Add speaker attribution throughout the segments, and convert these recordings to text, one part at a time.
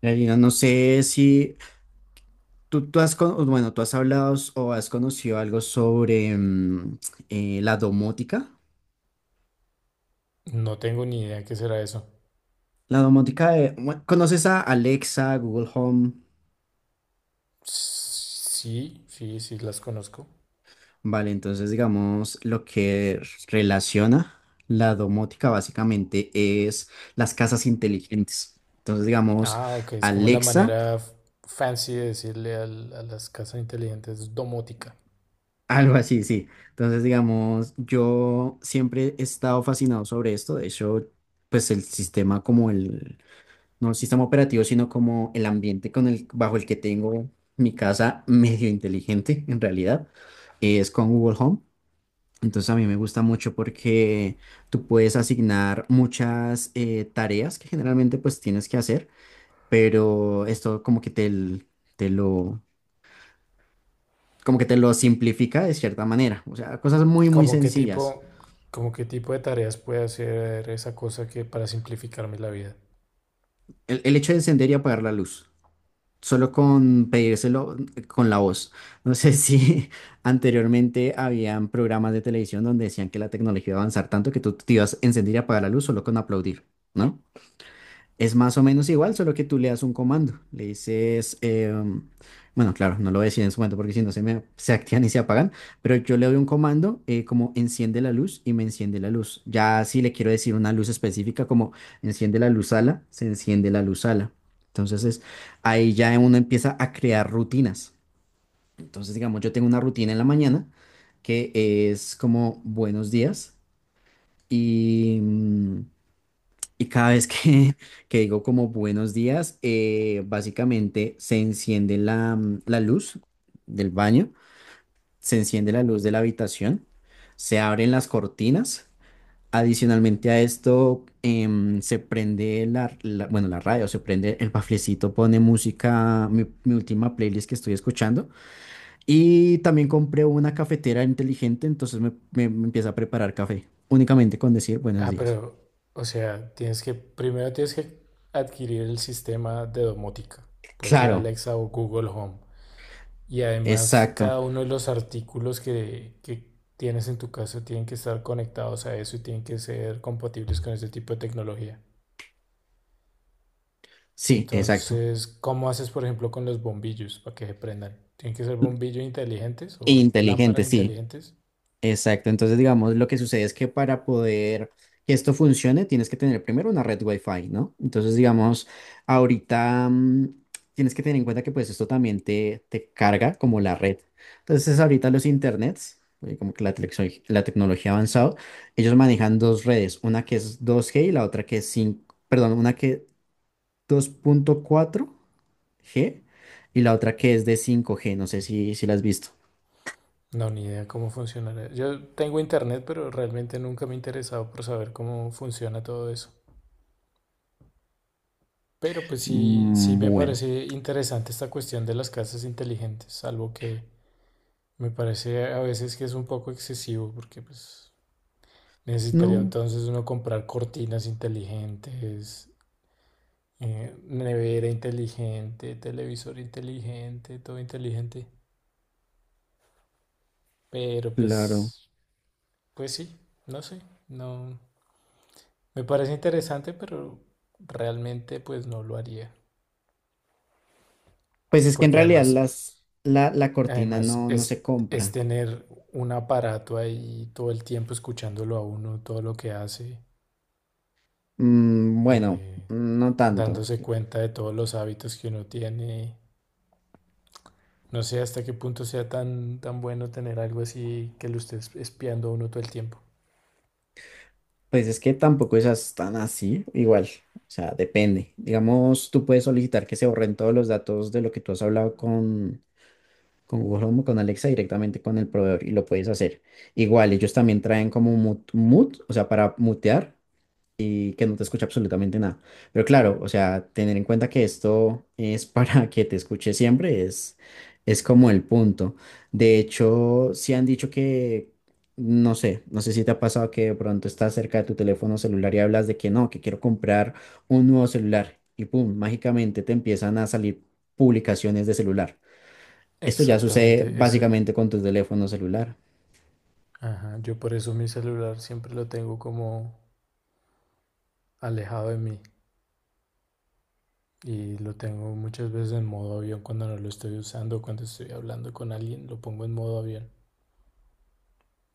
Speaker 1: Karina, no sé si tú bueno, tú has hablado o has conocido algo sobre la domótica.
Speaker 2: No tengo ni idea qué será eso.
Speaker 1: La domótica, bueno, ¿conoces a Alexa, Google Home?
Speaker 2: Sí, sí, sí, las conozco.
Speaker 1: Vale, entonces digamos lo que relaciona la domótica básicamente es las casas inteligentes. Entonces digamos
Speaker 2: Ah, ok, es como la
Speaker 1: Alexa,
Speaker 2: manera fancy de decirle a las casas inteligentes domótica.
Speaker 1: algo así, sí. Entonces digamos, yo siempre he estado fascinado sobre esto. De hecho, pues el sistema como el, no el sistema operativo, sino como el ambiente con el, bajo el que tengo mi casa medio inteligente en realidad, es con Google Home. Entonces a mí me gusta mucho porque tú puedes asignar muchas tareas que generalmente pues tienes que hacer, pero esto te lo, como que te lo simplifica de cierta manera. O sea, cosas muy, muy
Speaker 2: ¿Como qué
Speaker 1: sencillas.
Speaker 2: tipo, como qué tipo de tareas puede hacer esa cosa que para simplificarme la vida?
Speaker 1: El hecho de encender y apagar la luz solo con pedírselo, con la voz. No sé si anteriormente habían programas de televisión donde decían que la tecnología iba a avanzar tanto que tú te ibas a encender y apagar la luz solo con aplaudir, ¿no? Es más o menos igual, solo que tú le das un comando. Le dices, bueno, claro, no lo voy a decir en su momento porque si no se activan y se apagan, pero yo le doy un comando como enciende la luz y me enciende la luz. Ya si le quiero decir una luz específica como enciende la luz ala, se enciende la luz ala. Entonces ahí ya uno empieza a crear rutinas. Entonces, digamos, yo tengo una rutina en la mañana que es como buenos días y... mm, y cada vez que, que digo como buenos días, básicamente se enciende la luz del baño, se enciende la luz de la habitación, se abren las cortinas. Adicionalmente a esto, se prende bueno, la radio, se prende el baflecito, pone música, mi última playlist que estoy escuchando. Y también compré una cafetera inteligente, entonces me empieza a preparar café, únicamente con decir buenos
Speaker 2: Ah,
Speaker 1: días.
Speaker 2: pero, o sea, primero tienes que adquirir el sistema de domótica. Puede ser
Speaker 1: Claro,
Speaker 2: Alexa o Google Home. Y además
Speaker 1: exacto.
Speaker 2: cada uno de los artículos que tienes en tu casa tienen que estar conectados a eso y tienen que ser compatibles con ese tipo de tecnología.
Speaker 1: Sí, exacto.
Speaker 2: Entonces, ¿cómo haces, por ejemplo, con los bombillos para que se prendan? ¿Tienen que ser bombillos inteligentes o
Speaker 1: Inteligente,
Speaker 2: lámparas
Speaker 1: sí,
Speaker 2: inteligentes?
Speaker 1: exacto. Entonces, digamos, lo que sucede es que para poder que esto funcione, tienes que tener primero una red Wi-Fi, ¿no? Entonces, digamos, ahorita tienes que tener en cuenta que pues esto también te carga como la red. Entonces, ahorita los internets, como que la tecnología ha avanzado, ellos manejan dos redes, una que es 2G y la otra que es cinco, perdón, una que es 2.4G y la otra que es de 5G. No sé si la has visto.
Speaker 2: No, ni idea cómo funcionará. Yo tengo internet, pero realmente nunca me he interesado por saber cómo funciona todo eso. Pero pues sí, sí
Speaker 1: Mm.
Speaker 2: me
Speaker 1: Bueno,
Speaker 2: parece interesante esta cuestión de las casas inteligentes, salvo que me parece a veces que es un poco excesivo porque pues necesitaría
Speaker 1: no,
Speaker 2: entonces uno comprar cortinas inteligentes, nevera inteligente, televisor inteligente, todo inteligente. Pero
Speaker 1: claro.
Speaker 2: pues, pues sí, no sé, no. Me parece interesante, pero realmente pues no lo haría.
Speaker 1: Pues es que en
Speaker 2: Porque
Speaker 1: realidad
Speaker 2: además,
Speaker 1: la cortina
Speaker 2: además
Speaker 1: no, no se
Speaker 2: es
Speaker 1: compra.
Speaker 2: tener un aparato ahí todo el tiempo escuchándolo a uno, todo lo que hace.
Speaker 1: Mm, bueno,
Speaker 2: Eh,
Speaker 1: no tanto.
Speaker 2: dándose cuenta de todos los hábitos que uno tiene. No sé hasta qué punto sea tan, tan bueno tener algo así que lo esté espiando a uno todo el tiempo.
Speaker 1: Pues es que tampoco esas tan así, igual. O sea, depende. Digamos, tú puedes solicitar que se borren todos los datos de lo que tú has hablado con Google Home o con Alexa directamente con el proveedor y lo puedes hacer. Igual, ellos también traen como mute, mute, o sea, para mutear. Y que no te escucha absolutamente nada. Pero claro, o sea, tener en cuenta que esto es para que te escuche siempre es, como el punto. De hecho, si han dicho que, no sé si te ha pasado que de pronto estás cerca de tu teléfono celular y hablas de que no, que quiero comprar un nuevo celular y pum, mágicamente te empiezan a salir publicaciones de celular. Esto ya sucede
Speaker 2: Exactamente, ese,
Speaker 1: básicamente con tu teléfono celular.
Speaker 2: ajá, yo por eso mi celular siempre lo tengo como alejado de mí y lo tengo muchas veces en modo avión cuando no lo estoy usando, cuando estoy hablando con alguien, lo pongo en modo avión.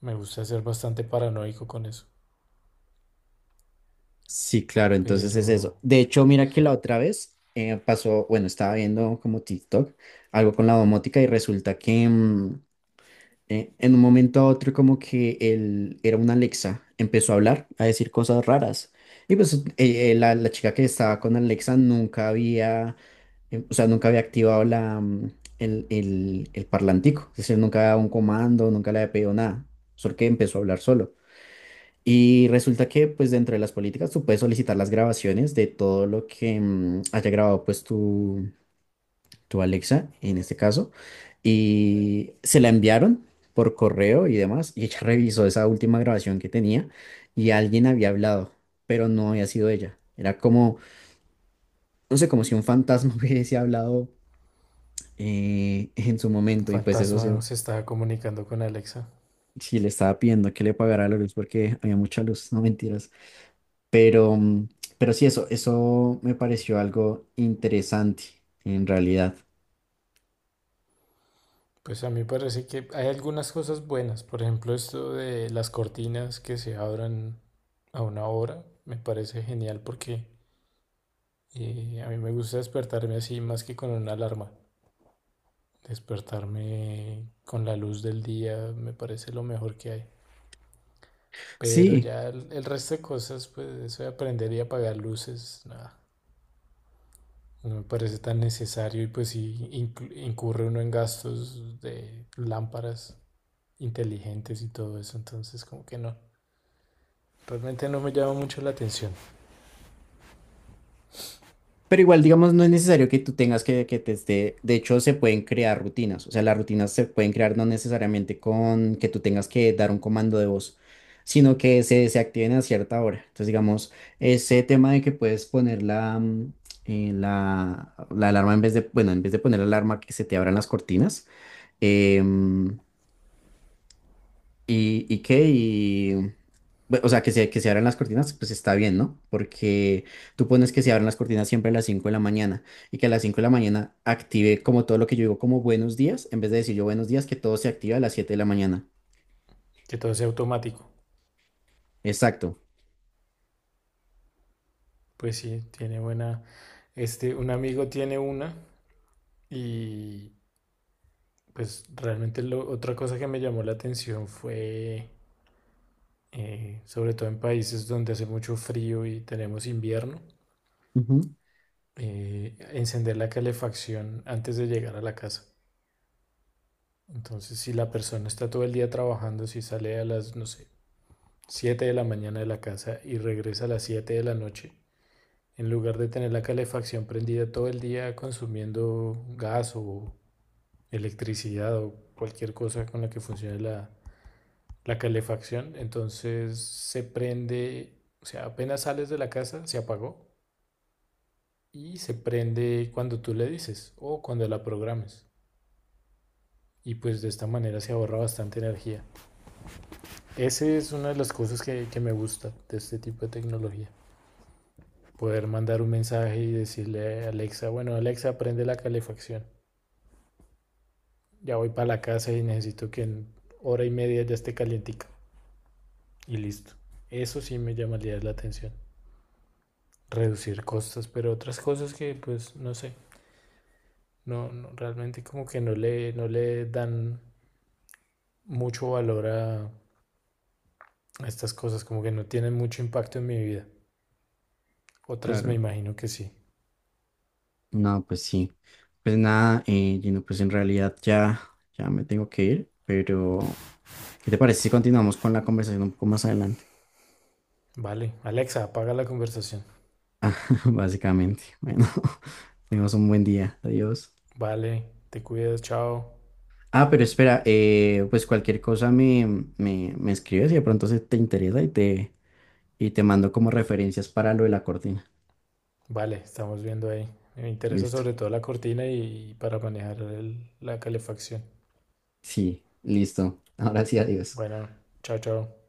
Speaker 2: Me gusta ser bastante paranoico con eso,
Speaker 1: Sí, claro, entonces es
Speaker 2: pero
Speaker 1: eso. De hecho, mira que la otra vez pasó, bueno, estaba viendo como TikTok, algo con la domótica y resulta que en un momento a otro como que él era una Alexa, empezó a hablar, a decir cosas raras. Y pues la chica que estaba con Alexa nunca había, o sea, nunca había activado la, mm, el parlantico, es decir, nunca había dado un comando, nunca le había pedido nada, solo que empezó a hablar solo. Y resulta que, pues, dentro de las políticas, tú puedes solicitar las grabaciones de todo lo que haya grabado, pues, tu Alexa, en este caso. Y se la enviaron por correo y demás. Y ella revisó esa última grabación que tenía y alguien había hablado, pero no había sido ella. Era como, no sé, como si un fantasma hubiese hablado en su
Speaker 2: un
Speaker 1: momento. Y pues eso sí,
Speaker 2: fantasma se estaba comunicando con Alexa.
Speaker 1: sí le estaba pidiendo que le pagara la luz porque había mucha luz, no mentiras. Pero, mm, pero sí, eso me pareció algo interesante en realidad.
Speaker 2: Pues a mí parece que hay algunas cosas buenas, por ejemplo esto de las cortinas que se abran a una hora, me parece genial porque, a mí me gusta despertarme así más que con una alarma. Despertarme con la luz del día me parece lo mejor que hay. Pero
Speaker 1: Sí,
Speaker 2: ya el resto de cosas, pues eso de aprender y apagar luces, nada, no me parece tan necesario y pues sí incurre uno en gastos de lámparas inteligentes y todo eso, entonces como que no. Realmente no me llama mucho la atención
Speaker 1: pero igual, digamos, no es necesario que tú tengas que te esté, de hecho, se pueden crear rutinas, o sea, las rutinas se pueden crear no necesariamente con que tú tengas que dar un comando de voz, sino que se activen a cierta hora. Entonces, digamos, ese tema de que puedes poner la alarma bueno, en vez de poner la alarma que se te abran las cortinas. em, ¿Y, y qué? Y, o sea, que se abran las cortinas, pues está bien, ¿no? Porque tú pones que se abran las cortinas siempre a las 5 de la mañana y que a las 5 de la mañana active como todo lo que yo digo como buenos días, en vez de decir yo buenos días, que todo se activa a las 7 de la mañana.
Speaker 2: que todo sea automático.
Speaker 1: Exacto.
Speaker 2: Pues sí, tiene buena... Este, un amigo tiene una y pues realmente otra cosa que me llamó la atención fue, sobre todo en países donde hace mucho frío y tenemos invierno,
Speaker 1: Ujú.
Speaker 2: encender la calefacción antes de llegar a la casa. Entonces, si la persona está todo el día trabajando, si sale a las, no sé, 7 de la mañana de la casa y regresa a las 7 de la noche, en lugar de tener la calefacción prendida todo el día consumiendo gas o electricidad o cualquier cosa con la que funcione la calefacción, entonces se prende, o sea, apenas sales de la casa, se apagó y se prende cuando tú le dices o cuando la programes. Y pues de esta manera se ahorra bastante energía. Esa es una de las cosas que me gusta de este tipo de tecnología. Poder mandar un mensaje y decirle a Alexa, bueno, Alexa, prende la calefacción. Ya voy para la casa y necesito que en hora y media ya esté calientica. Y listo. Eso sí me llamaría la atención. Reducir costos, pero otras cosas que pues no sé. No, no, realmente como que no le dan mucho valor a estas cosas, como que no tienen mucho impacto en mi vida. Otras me
Speaker 1: Claro.
Speaker 2: imagino que sí.
Speaker 1: No, pues sí. Pues nada, Gino, pues en realidad ya me tengo que ir, pero ¿qué te parece si continuamos con la conversación un poco más adelante?
Speaker 2: Vale, Alexa, apaga la conversación.
Speaker 1: Básicamente. Bueno, tengas un buen día. Adiós.
Speaker 2: Vale, te cuidas, chao.
Speaker 1: Ah, pero espera, pues cualquier cosa me escribes y de pronto se te interesa y y te mando como referencias para lo de la cortina.
Speaker 2: Vale, estamos viendo ahí. Me interesa
Speaker 1: Listo.
Speaker 2: sobre todo la cortina y para manejar la calefacción.
Speaker 1: Sí, listo. Ahora sí, adiós.
Speaker 2: Bueno, chao, chao.